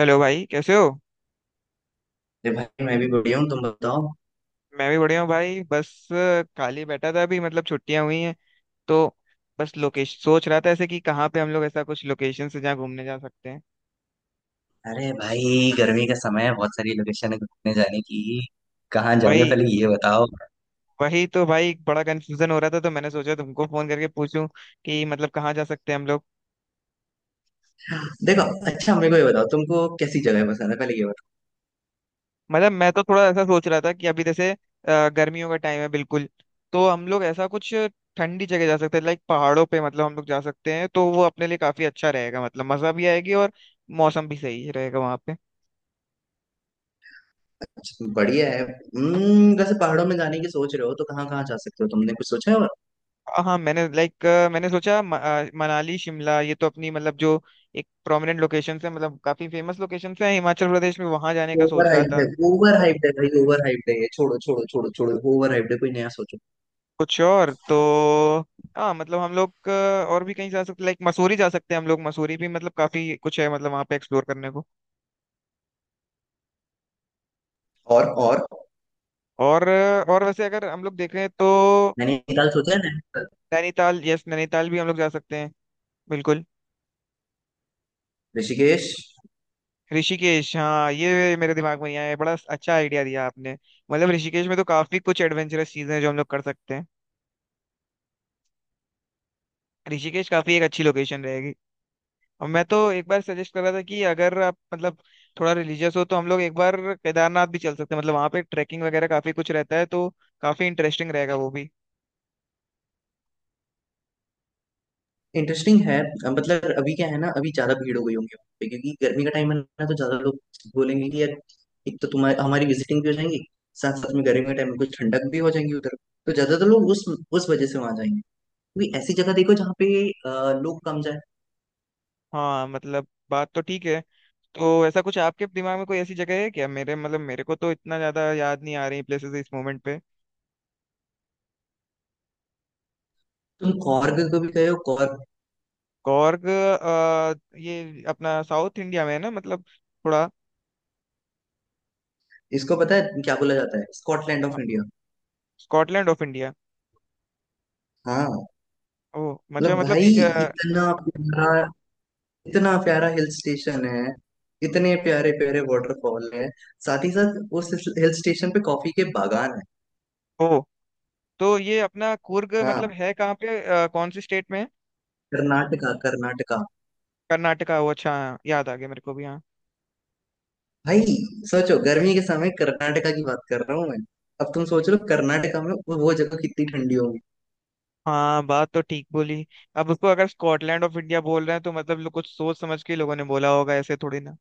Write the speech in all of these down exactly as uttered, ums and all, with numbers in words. Hello भाई कैसे हो। अरे भाई, मैं भी बढ़िया हूँ। तुम बताओ। मैं भी बढ़िया हूँ भाई बस अ, खाली बैठा था अभी मतलब छुट्टियां हुई हैं तो बस लोकेशन सोच रहा था ऐसे कि कहाँ पे हम लोग ऐसा कुछ लोकेशन से जहाँ घूमने जा सकते हैं। अरे भाई, गर्मी का समय है, बहुत सारी लोकेशन है घूमने जाने की। कहाँ जाओगे वही पहले ये बताओ। वही तो भाई बड़ा कंफ्यूजन हो रहा था तो मैंने सोचा तुमको फोन करके पूछूं कि मतलब कहाँ जा सकते हैं हम लोग। देखो, अच्छा मेरे को ये बताओ, तुमको कैसी जगह पसंद है, पहले ये बताओ। मतलब मैं तो थोड़ा ऐसा सोच रहा था कि अभी जैसे अ, गर्मियों का टाइम है बिल्कुल, तो हम लोग ऐसा कुछ ठंडी जगह जा सकते हैं, लाइक पहाड़ों पे मतलब हम लोग जा सकते हैं तो वो अपने लिए काफी अच्छा रहेगा, मतलब मजा भी आएगी और मौसम भी सही रहेगा वहाँ पे। अच्छा, बढ़िया है। हम्म, वैसे पहाड़ों में जाने की सोच रहे हो तो कहाँ कहाँ जा सकते हो, तुमने कुछ सोचा है? और हाँ, मैंने लाइक मैंने सोचा म- अ, मनाली शिमला ये तो अपनी मतलब जो एक प्रोमिनेंट लोकेशन है, मतलब काफी फेमस लोकेशन है हिमाचल प्रदेश में, वहां जाने का ओवर सोच रहा हाइप्ड था। है, ओवर हाइप्ड है भाई, ओवर हाइप्ड है, ये छोड़ो छोड़ो छोड़ो छोड़ो, ओवर हाइप्ड है, कोई नया सोचो। कुछ और तो हाँ मतलब हम लोग अ, और भी कहीं जा सकते, लाइक मसूरी जा सकते हैं हम लोग, मसूरी भी मतलब काफी कुछ है मतलब वहां पे एक्सप्लोर करने को। और और और अ, और वैसे अगर हम लोग देखें तो नैनीताल सोचा है? नैनीताल, नैनीताल, यस नैनीताल भी हम लोग जा सकते हैं बिल्कुल। ऋषिकेश। ऋषिकेश, हाँ ये मेरे दिमाग में नहीं आया, बड़ा अच्छा आइडिया दिया आपने। मतलब ऋषिकेश में तो काफी कुछ एडवेंचरस चीजें हैं जो हम लोग कर सकते हैं। ऋषिकेश काफी एक अच्छी लोकेशन रहेगी। और मैं तो एक बार सजेस्ट कर रहा था कि अगर आप मतलब थोड़ा रिलीजियस हो तो हम लोग एक बार केदारनाथ भी चल सकते हैं, मतलब वहाँ पे ट्रैकिंग वगैरह काफी कुछ रहता है तो काफी इंटरेस्टिंग रहेगा वो भी। इंटरेस्टिंग है। मतलब अभी क्या है ना, अभी ज्यादा भीड़ हो गई होगी वहाँ पे, क्योंकि गर्मी का टाइम है ना, तो ज्यादा लोग बोलेंगे कि यार, एक तो तुम्हारी हमारी विजिटिंग भी हो जाएंगी, साथ साथ में गर्मी के टाइम में कुछ ठंडक भी हो जाएंगी उधर। तो ज्यादातर लोग उस उस वजह से वहां जाएंगे। क्योंकि ऐसी जगह देखो जहाँ पे अ, लोग कम जाए। हाँ मतलब बात तो ठीक है। तो ऐसा कुछ आपके दिमाग में कोई ऐसी जगह है क्या मेरे, मतलब मेरे को तो इतना ज्यादा याद नहीं आ रही प्लेसेस इस मोमेंट पे। तुम कॉर्ग को भी गए हो? कॉर्ग, कॉर्ग, अ, ये अपना साउथ इंडिया में है ना मतलब थोड़ा। इसको पता है क्या बोला जाता है? स्कॉटलैंड हाँ, of India. Scotland of India. हाँ। ओ अच्छा मतलब मतलब भाई, ये, अ, इतना प्यारा, इतना प्यारा हिल स्टेशन है, इतने प्यारे प्यारे वाटरफॉल है साथ ही साथ उस हिल स्टेशन पे कॉफी के बागान है ओ तो ये अपना कुर्ग हाँ, मतलब है कहाँ पे, अ, कौन सी स्टेट में है। कर्नाटका कर्नाटका। कर्नाटका, ओ अच्छा हाँ, याद आ गया मेरे को भी हाँ। भाई सोचो, गर्मी के समय कर्नाटका की बात कर रहा हूँ मैं। अब तुम सोच लो हम्म। कर्नाटका में वो वो जगह कितनी ठंडी होगी। हाँ बात तो ठीक बोली। अब उसको अगर स्कॉटलैंड ऑफ इंडिया बोल रहे हैं तो मतलब लोग कुछ सोच समझ के, लोगों ने बोला होगा, ऐसे थोड़ी ना।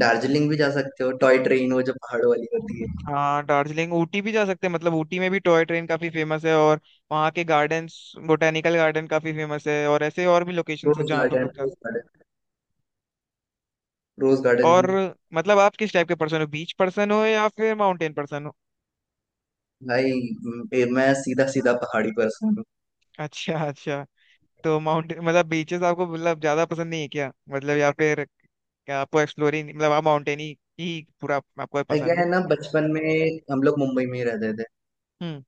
दार्जिलिंग भी जा सकते हो, टॉय ट्रेन वो जो पहाड़ों वाली होती है। हाँ, दार्जिलिंग ऊटी भी जा सकते हैं, मतलब ऊटी में भी टॉय ट्रेन काफी फेमस है और वहाँ के गार्डन्स, बोटेनिकल गार्डन काफी फेमस है, और ऐसे और भी लोकेशन रोज है जहाँ पे हम गार्डन, लोग जा रोज सकते गार्डन, रोज हैं। गार्डन। और मतलब आप किस टाइप के पर्सन हो, बीच पर्सन हो या फिर माउंटेन पर्सन हो। भाई, म- ए- मैं सीधा सीधा पहाड़ी पर्सन हूँ। अच्छा अच्छा। तो माउंटेन, मतलब बीचेस आपको मतलब ज्यादा पसंद नहीं है क्या, मतलब या फिर क्या आपको एक्सप्लोरिंग, मतलब आप माउंटेन ही ही पूरा आपको पसंद अगेन है। ना, बचपन में हम लोग मुंबई में ही रहते थे, हम्म।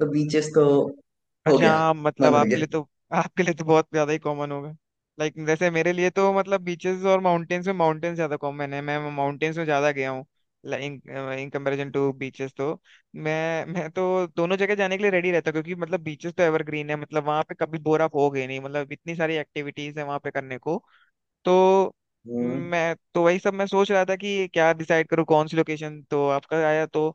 तो बीचेस तो हो अच्छा गया, हाँ मतलब मन उड़ आपके गया। लिए तो आपके लिए तो बहुत ज्यादा ही कॉमन होगा। लाइक जैसे मेरे लिए तो मतलब बीचेस और माउंटेन्स में माउंटेन्स ज्यादा कॉमन है, मैं माउंटेन्स में ज्यादा गया हूँ इन कंपैरिजन टू बीचेस। तो मैं मैं तो दोनों जगह जाने के लिए रेडी रहता हूँ, क्योंकि मतलब बीचेस तो एवरग्रीन है, मतलब वहाँ पे कभी बोर आप होगे नहीं, मतलब इतनी सारी एक्टिविटीज है वहाँ पे करने को। तो हम्म, मैं तो वही सब मैं सोच रहा था कि क्या डिसाइड करूँ कौन सी लोकेशन, तो आपका आया तो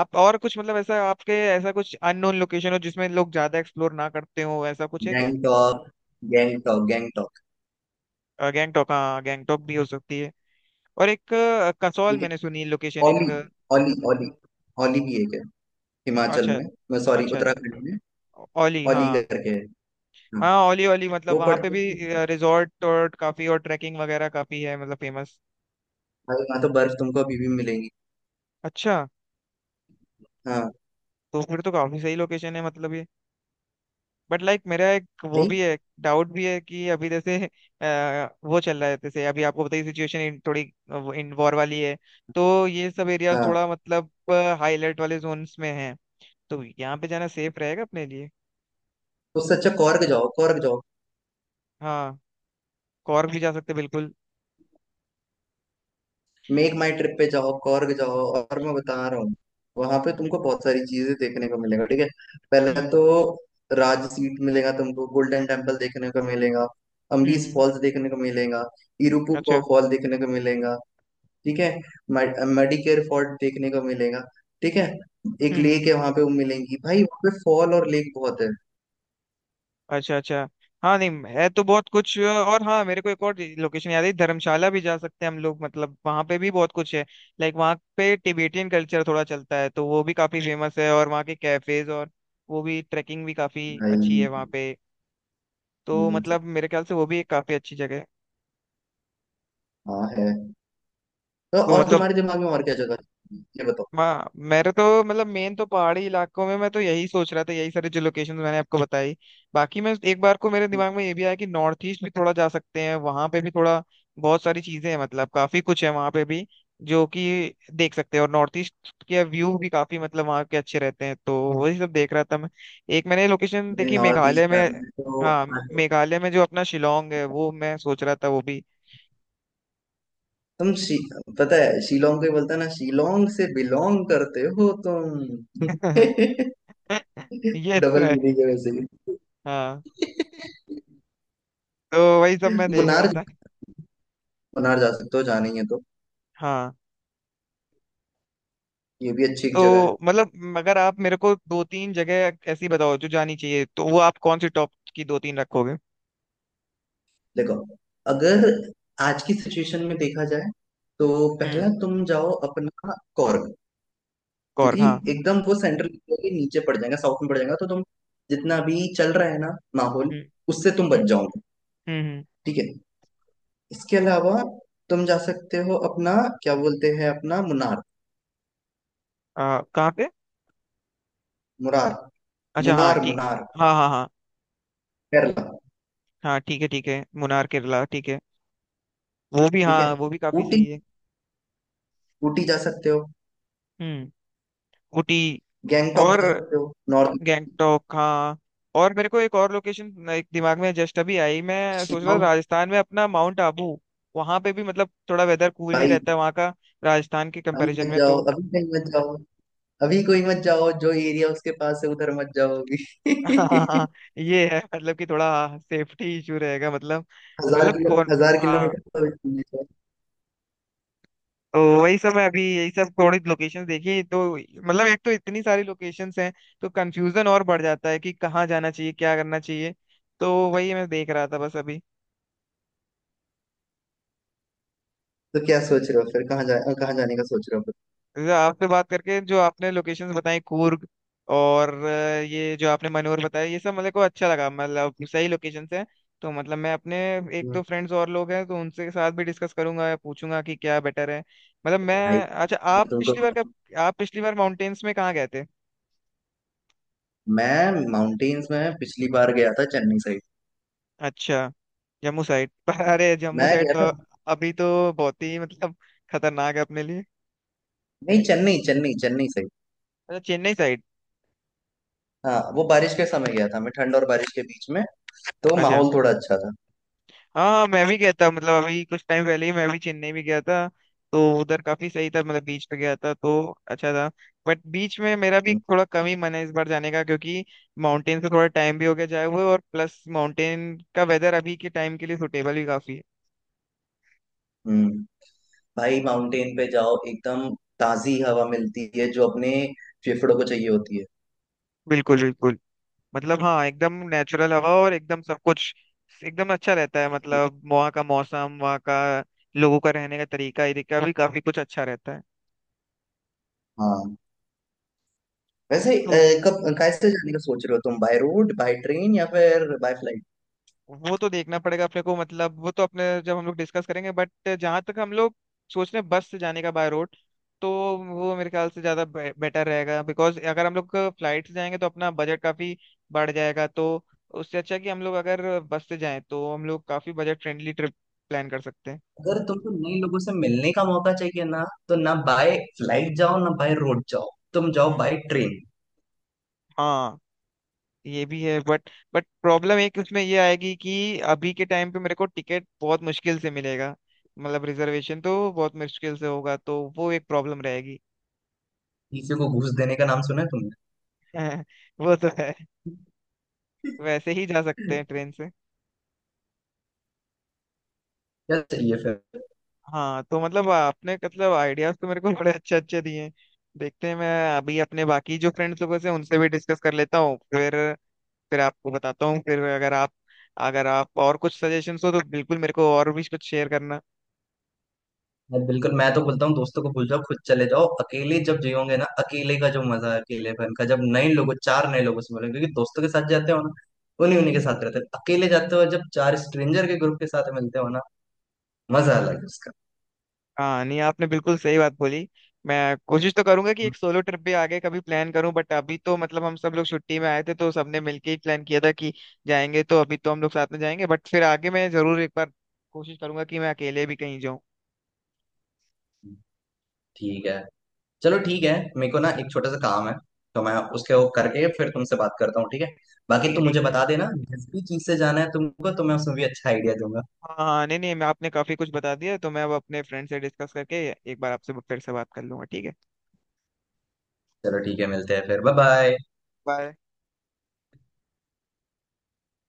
आप और कुछ मतलब ऐसा आपके, ऐसा कुछ अननोन लोकेशन हो जिसमें लोग ज्यादा एक्सप्लोर ना करते हो, ऐसा कुछ है क्या। गैंगटॉक, गैंगटॉक, गैंगटॉक। अ, गैंगटॉक, हाँ गैंगटॉक भी हो सकती है। और एक अ, कसौल ठीक है, मैंने सुनी लोकेशन ओली, एक अ, ओली, ओली, ओली भी एक है, हिमाचल अच्छा में। मैं सॉरी, अच्छा। अच्छा, उत्तराखंड में। ओली, ओली हाँ करके है। हाँ, हाँ ओली ओली मतलब वो वहाँ पे पढ़ते भी थे। रिजॉर्ट और काफी और ट्रैकिंग वगैरह काफी है, मतलब फेमस। भाई वहाँ तो बर्फ तुमको अभी भी मिलेंगी। अच्छा, हाँ। तो फिर तो काफी सही लोकेशन है मतलब ये। बट लाइक मेरा एक वो भाई, भी है, डाउट भी है कि अभी जैसे अ, वो चल रहा है जैसे अभी आपको बताइए, सिचुएशन थोड़ी इन वॉर वाली है, तो ये सब एरियाज हाँ, थोड़ा मतलब हाई अलर्ट वाले जोन्स में हैं, तो यहाँ पे जाना सेफ रहेगा अपने लिए। तो उससे अच्छा कॉर्ग जाओ, कॉर्ग जाओ। हाँ कॉर्ग भी जा सकते हैं बिल्कुल। मेक माई ट्रिप पे जाओ, कॉर्ग जाओ, और मैं बता रहा हूँ, वहां पे तुमको बहुत सारी चीजें देखने को मिलेगा ठीक है? पहले हम्म तो राज सीट मिलेगा तुमको, गोल्डन टेम्पल देखने को मिलेगा, हम्म अम्बीस हम्म, फॉल्स देखने को मिलेगा, इरुपु को अच्छा। फॉल देखने को मिलेगा। ठीक है? मेडिकेयर फोर्ट देखने को मिलेगा। ठीक है? एक हम्म हम्म। लेक है वहां पे, वो मिलेंगी। भाई वहां पे फॉल और लेक बहुत है अच्छा अच्छा। हाँ नहीं है तो बहुत कुछ, और हाँ मेरे को एक और लोकेशन याद है, धर्मशाला भी जा सकते हैं हम लोग, मतलब वहाँ पे भी बहुत कुछ है। लाइक वहाँ पे टिबेटियन कल्चर थोड़ा चलता है तो वो भी काफी फेमस है, और वहाँ के कैफेज और वो भी, ट्रैकिंग भी काफी अच्छी है भाई वहाँ पे। तो ये सब- मतलब मेरे ख्याल से वो भी एक काफी अच्छी जगह है। हाँ, है तो। तो और मतलब तुम्हारे दिमाग में और क्या जगह है? ये बताओ। हाँ मेरे तो मतलब मेन तो पहाड़ी इलाकों में मैं तो यही सोच रहा था, यही सारी जो लोकेशन मैंने आपको बताई। बाकी मैं एक बार को मेरे दिमाग में ये भी आया कि नॉर्थ ईस्ट भी थोड़ा जा सकते हैं, वहां पे भी थोड़ा बहुत सारी चीजें हैं, मतलब काफी कुछ है वहां पे भी जो कि देख सकते हैं, और नॉर्थ ईस्ट के व्यू भी काफी मतलब वहाँ के अच्छे रहते हैं, तो वही सब देख रहा था मैं। एक मैंने लोकेशन देखी नॉर्थ ईस्ट मेघालय में, जाना है हाँ तो मेघालय में जो अपना शिलोंग है, वो मैं सोच रहा था वो भी। तुम शी- पता है शिलोंग को ही बोलता है ना, शिलोंग से बिलोंग करते हो तुम। ये तो डबल है। मीनिंग है वैसे भी। हाँ तो वही सब मैं देख रहा मुनार, था। मुनार जा सकते हो, जाना ही है तो। हाँ ये भी अच्छी एक जगह है। तो मतलब अगर आप मेरे को दो तीन जगह ऐसी बताओ जो जानी चाहिए, तो वो आप कौन सी टॉप की दो तीन रखोगे। देखो, अगर आज की सिचुएशन में देखा जाए, तो हम्म, पहला तुम जाओ अपना कौर्ग। कौर क्योंकि हाँ। एकदम वो सेंट्रल के नीचे पड़ जाएगा, साउथ में पड़ जाएगा, तो तुम जितना भी चल रहा है ना माहौल, हम्म उससे तुम हम्म बच जाओगे। हम्म हम्म। ठीक है? इसके अलावा तुम जा सकते हो अपना, क्या बोलते हैं, अपना मुनार, आ, कहाँ पे। मुरार, अच्छा हाँ मुनार, ठीक। मुनार हाँ हाँ हाँ। केरला। हाँ ठीक है ठीक है, मुनार केरला ठीक है। वो भी ठीक है? हाँ वो भी काफी ऊटी, सही है। ऊटी जा सकते हो, हम्म, ऊटी। गैंगटॉक और जा सकते हो नॉर्थ, गैंगटॉक हाँ। और मेरे को एक और लोकेशन एक दिमाग में जस्ट अभी आई, मैं सोच रहा था शिलोंग। राजस्थान में अपना माउंट आबू, वहां पे भी मतलब थोड़ा वेदर कूल ही भाई रहता है वहाँ का, राजस्थान के अभी कंपैरिजन मत में जाओ, तो। अभी कहीं मत जाओ, अभी कोई मत जाओ, जो एरिया उसके पास है उधर मत जाओगी। हाँ ये है मतलब कि थोड़ा सेफ्टी इशू रहेगा मतलब। हजार मतलब किलो कौन हजार हाँ। किलोमीटर तो दूर है। तो वही सब है अभी, यही सब थोड़ी लोकेशन देखी, तो मतलब एक तो इतनी सारी लोकेशंस हैं तो कंफ्यूजन और बढ़ जाता है कि कहाँ जाना चाहिए, क्या करना चाहिए। तो वही मैं देख रहा था बस अभी। तो क्या सोच रहे हो फिर? कहाँ जा, कहाँ जाने का सोच रहे हो फिर? जैसे आपसे बात करके जो आपने लोकेशंस बताई, कूर्ग और अ, ये जो आपने मनोर बताया, ये सब मेरे को अच्छा लगा, मतलब सही लोकेशंस हैं। तो मतलब मैं अपने एक हम्म। दो फ्रेंड्स और लोग हैं तो उनसे साथ भी डिस्कस करूंगा या पूछूंगा कि क्या बेटर है। मतलब भाई, मैं, अच्छा मैं आप तुमको, पिछली बार कब, आप पिछली बार माउंटेन्स में कहाँ गए थे। मैं माउंटेन्स में पिछली बार गया था चेन्नई साइड। अच्छा जम्मू साइड पर। अरे मैं जम्मू साइड गया था। तो अभी तो बहुत ही मतलब खतरनाक है अपने लिए। नहीं, चेन्नई चेन्नई, चेन्नई से। अच्छा चेन्नई साइड। हाँ, वो बारिश के समय गया था मैं, ठंड और बारिश के बीच में, तो अच्छा माहौल थोड़ा अच्छा था। हाँ मैं भी गया था, मतलब अभी कुछ टाइम पहले ही मैं भी चेन्नई भी गया था, तो उधर काफी सही था, मतलब बीच पे गया था तो अच्छा था। बट बीच में मेरा भी हम्म थोड़ा कम ही मन है इस बार जाने का, क्योंकि माउंटेन से थोड़ा टाइम भी हो गया जाए हुए और प्लस माउंटेन का वेदर अभी के टाइम के लिए सुटेबल भी काफी है। हम्म। भाई माउंटेन पे जाओ, एकदम ताजी हवा मिलती है जो अपने फेफड़ों को चाहिए होती है। बिल्कुल बिल्कुल। मतलब हाँ एकदम नेचुरल हवा और एकदम सब कुछ एकदम अच्छा रहता है, मतलब वहाँ का मौसम, वहाँ का लोगों का रहने का तरीका, ये का भी काफी कुछ अच्छा रहता है। हाँ, वैसे अ, तो कब कैसे जाने का सोच रहे हो तुम, बाय रोड, बाय ट्रेन या फिर बाय फ्लाइट? वो तो देखना पड़ेगा अपने को, मतलब वो तो अपने जब हम लोग डिस्कस करेंगे, बट जहां तक हम लोग सोच रहे हैं बस से जाने का, बाय रोड, तो वो मेरे ख्याल से ज्यादा बेटर रहेगा, बिकॉज अगर हम लोग फ्लाइट से जाएंगे तो अपना बजट काफी बढ़ जाएगा, तो उससे अच्छा कि हम लोग अगर बस से जाएं तो हम लोग काफी बजट फ्रेंडली ट्रिप प्लान कर सकते हैं। अगर तुमको नए लोगों से मिलने का मौका चाहिए ना, तो ना बाय फ्लाइट जाओ, ना बाय रोड जाओ, तुम जाओ हम्म बाय ट्रेन। हाँ ये भी है, बट बट प्रॉब्लम एक उसमें ये आएगी कि अभी के टाइम पे मेरे को टिकट बहुत मुश्किल से मिलेगा, मतलब रिजर्वेशन तो बहुत मुश्किल से होगा, तो वो एक प्रॉब्लम रहेगी। किसी को घूस देने का नाम सुना है तुमने? हैं वो तो है, वैसे ही जा सकते हैं ट्रेन से। क्या चाहिए फिर? हाँ तो मतलब आपने, मतलब आइडियाज तो मेरे को बड़े अच्छे अच्छे दिए हैं। देखते हैं, मैं अभी अपने बाकी जो फ्रेंड्स लोगों से उनसे भी डिस्कस कर लेता हूँ, फिर फिर आपको बताता हूँ, फिर अगर आप, अगर आप और कुछ सजेशंस हो तो बिल्कुल मेरे को और भी कुछ शेयर करना। मैं बिल्कुल, मैं तो बोलता हूँ दोस्तों को भूल जाओ, खुद चले जाओ अकेले। जब जियोगे ना अकेले का जो मजा है अकेलेपन का, जब नए लोगों, चार नए लोगों से मिलोगे, क्योंकि दोस्तों के साथ जाते हो ना, उन्हीं उन्हीं के साथ रहते हो। अकेले जाते हो जब चार स्ट्रेंजर के ग्रुप के साथ मिलते हो ना, मजा अलग है उसका। हाँ नहीं आपने बिल्कुल सही बात बोली। मैं कोशिश तो करूंगा कि हम्म। एक सोलो ट्रिप भी आगे कभी प्लान करूं, बट अभी तो मतलब हम सब लोग छुट्टी में आए थे तो सबने मिलके ही प्लान किया था कि जाएंगे, तो अभी तो हम लोग साथ में जाएंगे, बट फिर आगे मैं जरूर एक बार कोशिश करूंगा कि मैं अकेले भी कहीं जाऊं। ठीक है, चलो ठीक है। मेरे को ना एक छोटा सा काम है, तो मैं उसके वो करके फिर तुमसे बात करता हूँ, ठीक है? बाकी ठीक है तुम ठीक मुझे है। बता देना जिस भी चीज से जाना है तुमको, तो मैं उसमें भी अच्छा आइडिया दूंगा। हाँ हाँ नहीं नहीं मैं आपने काफी कुछ बता दिया, तो मैं अब अपने फ्रेंड से डिस्कस करके एक बार आपसे फिर से बात कर लूंगा ठीक है। चलो ठीक है, मिलते हैं फिर, बाय बाय। बाय।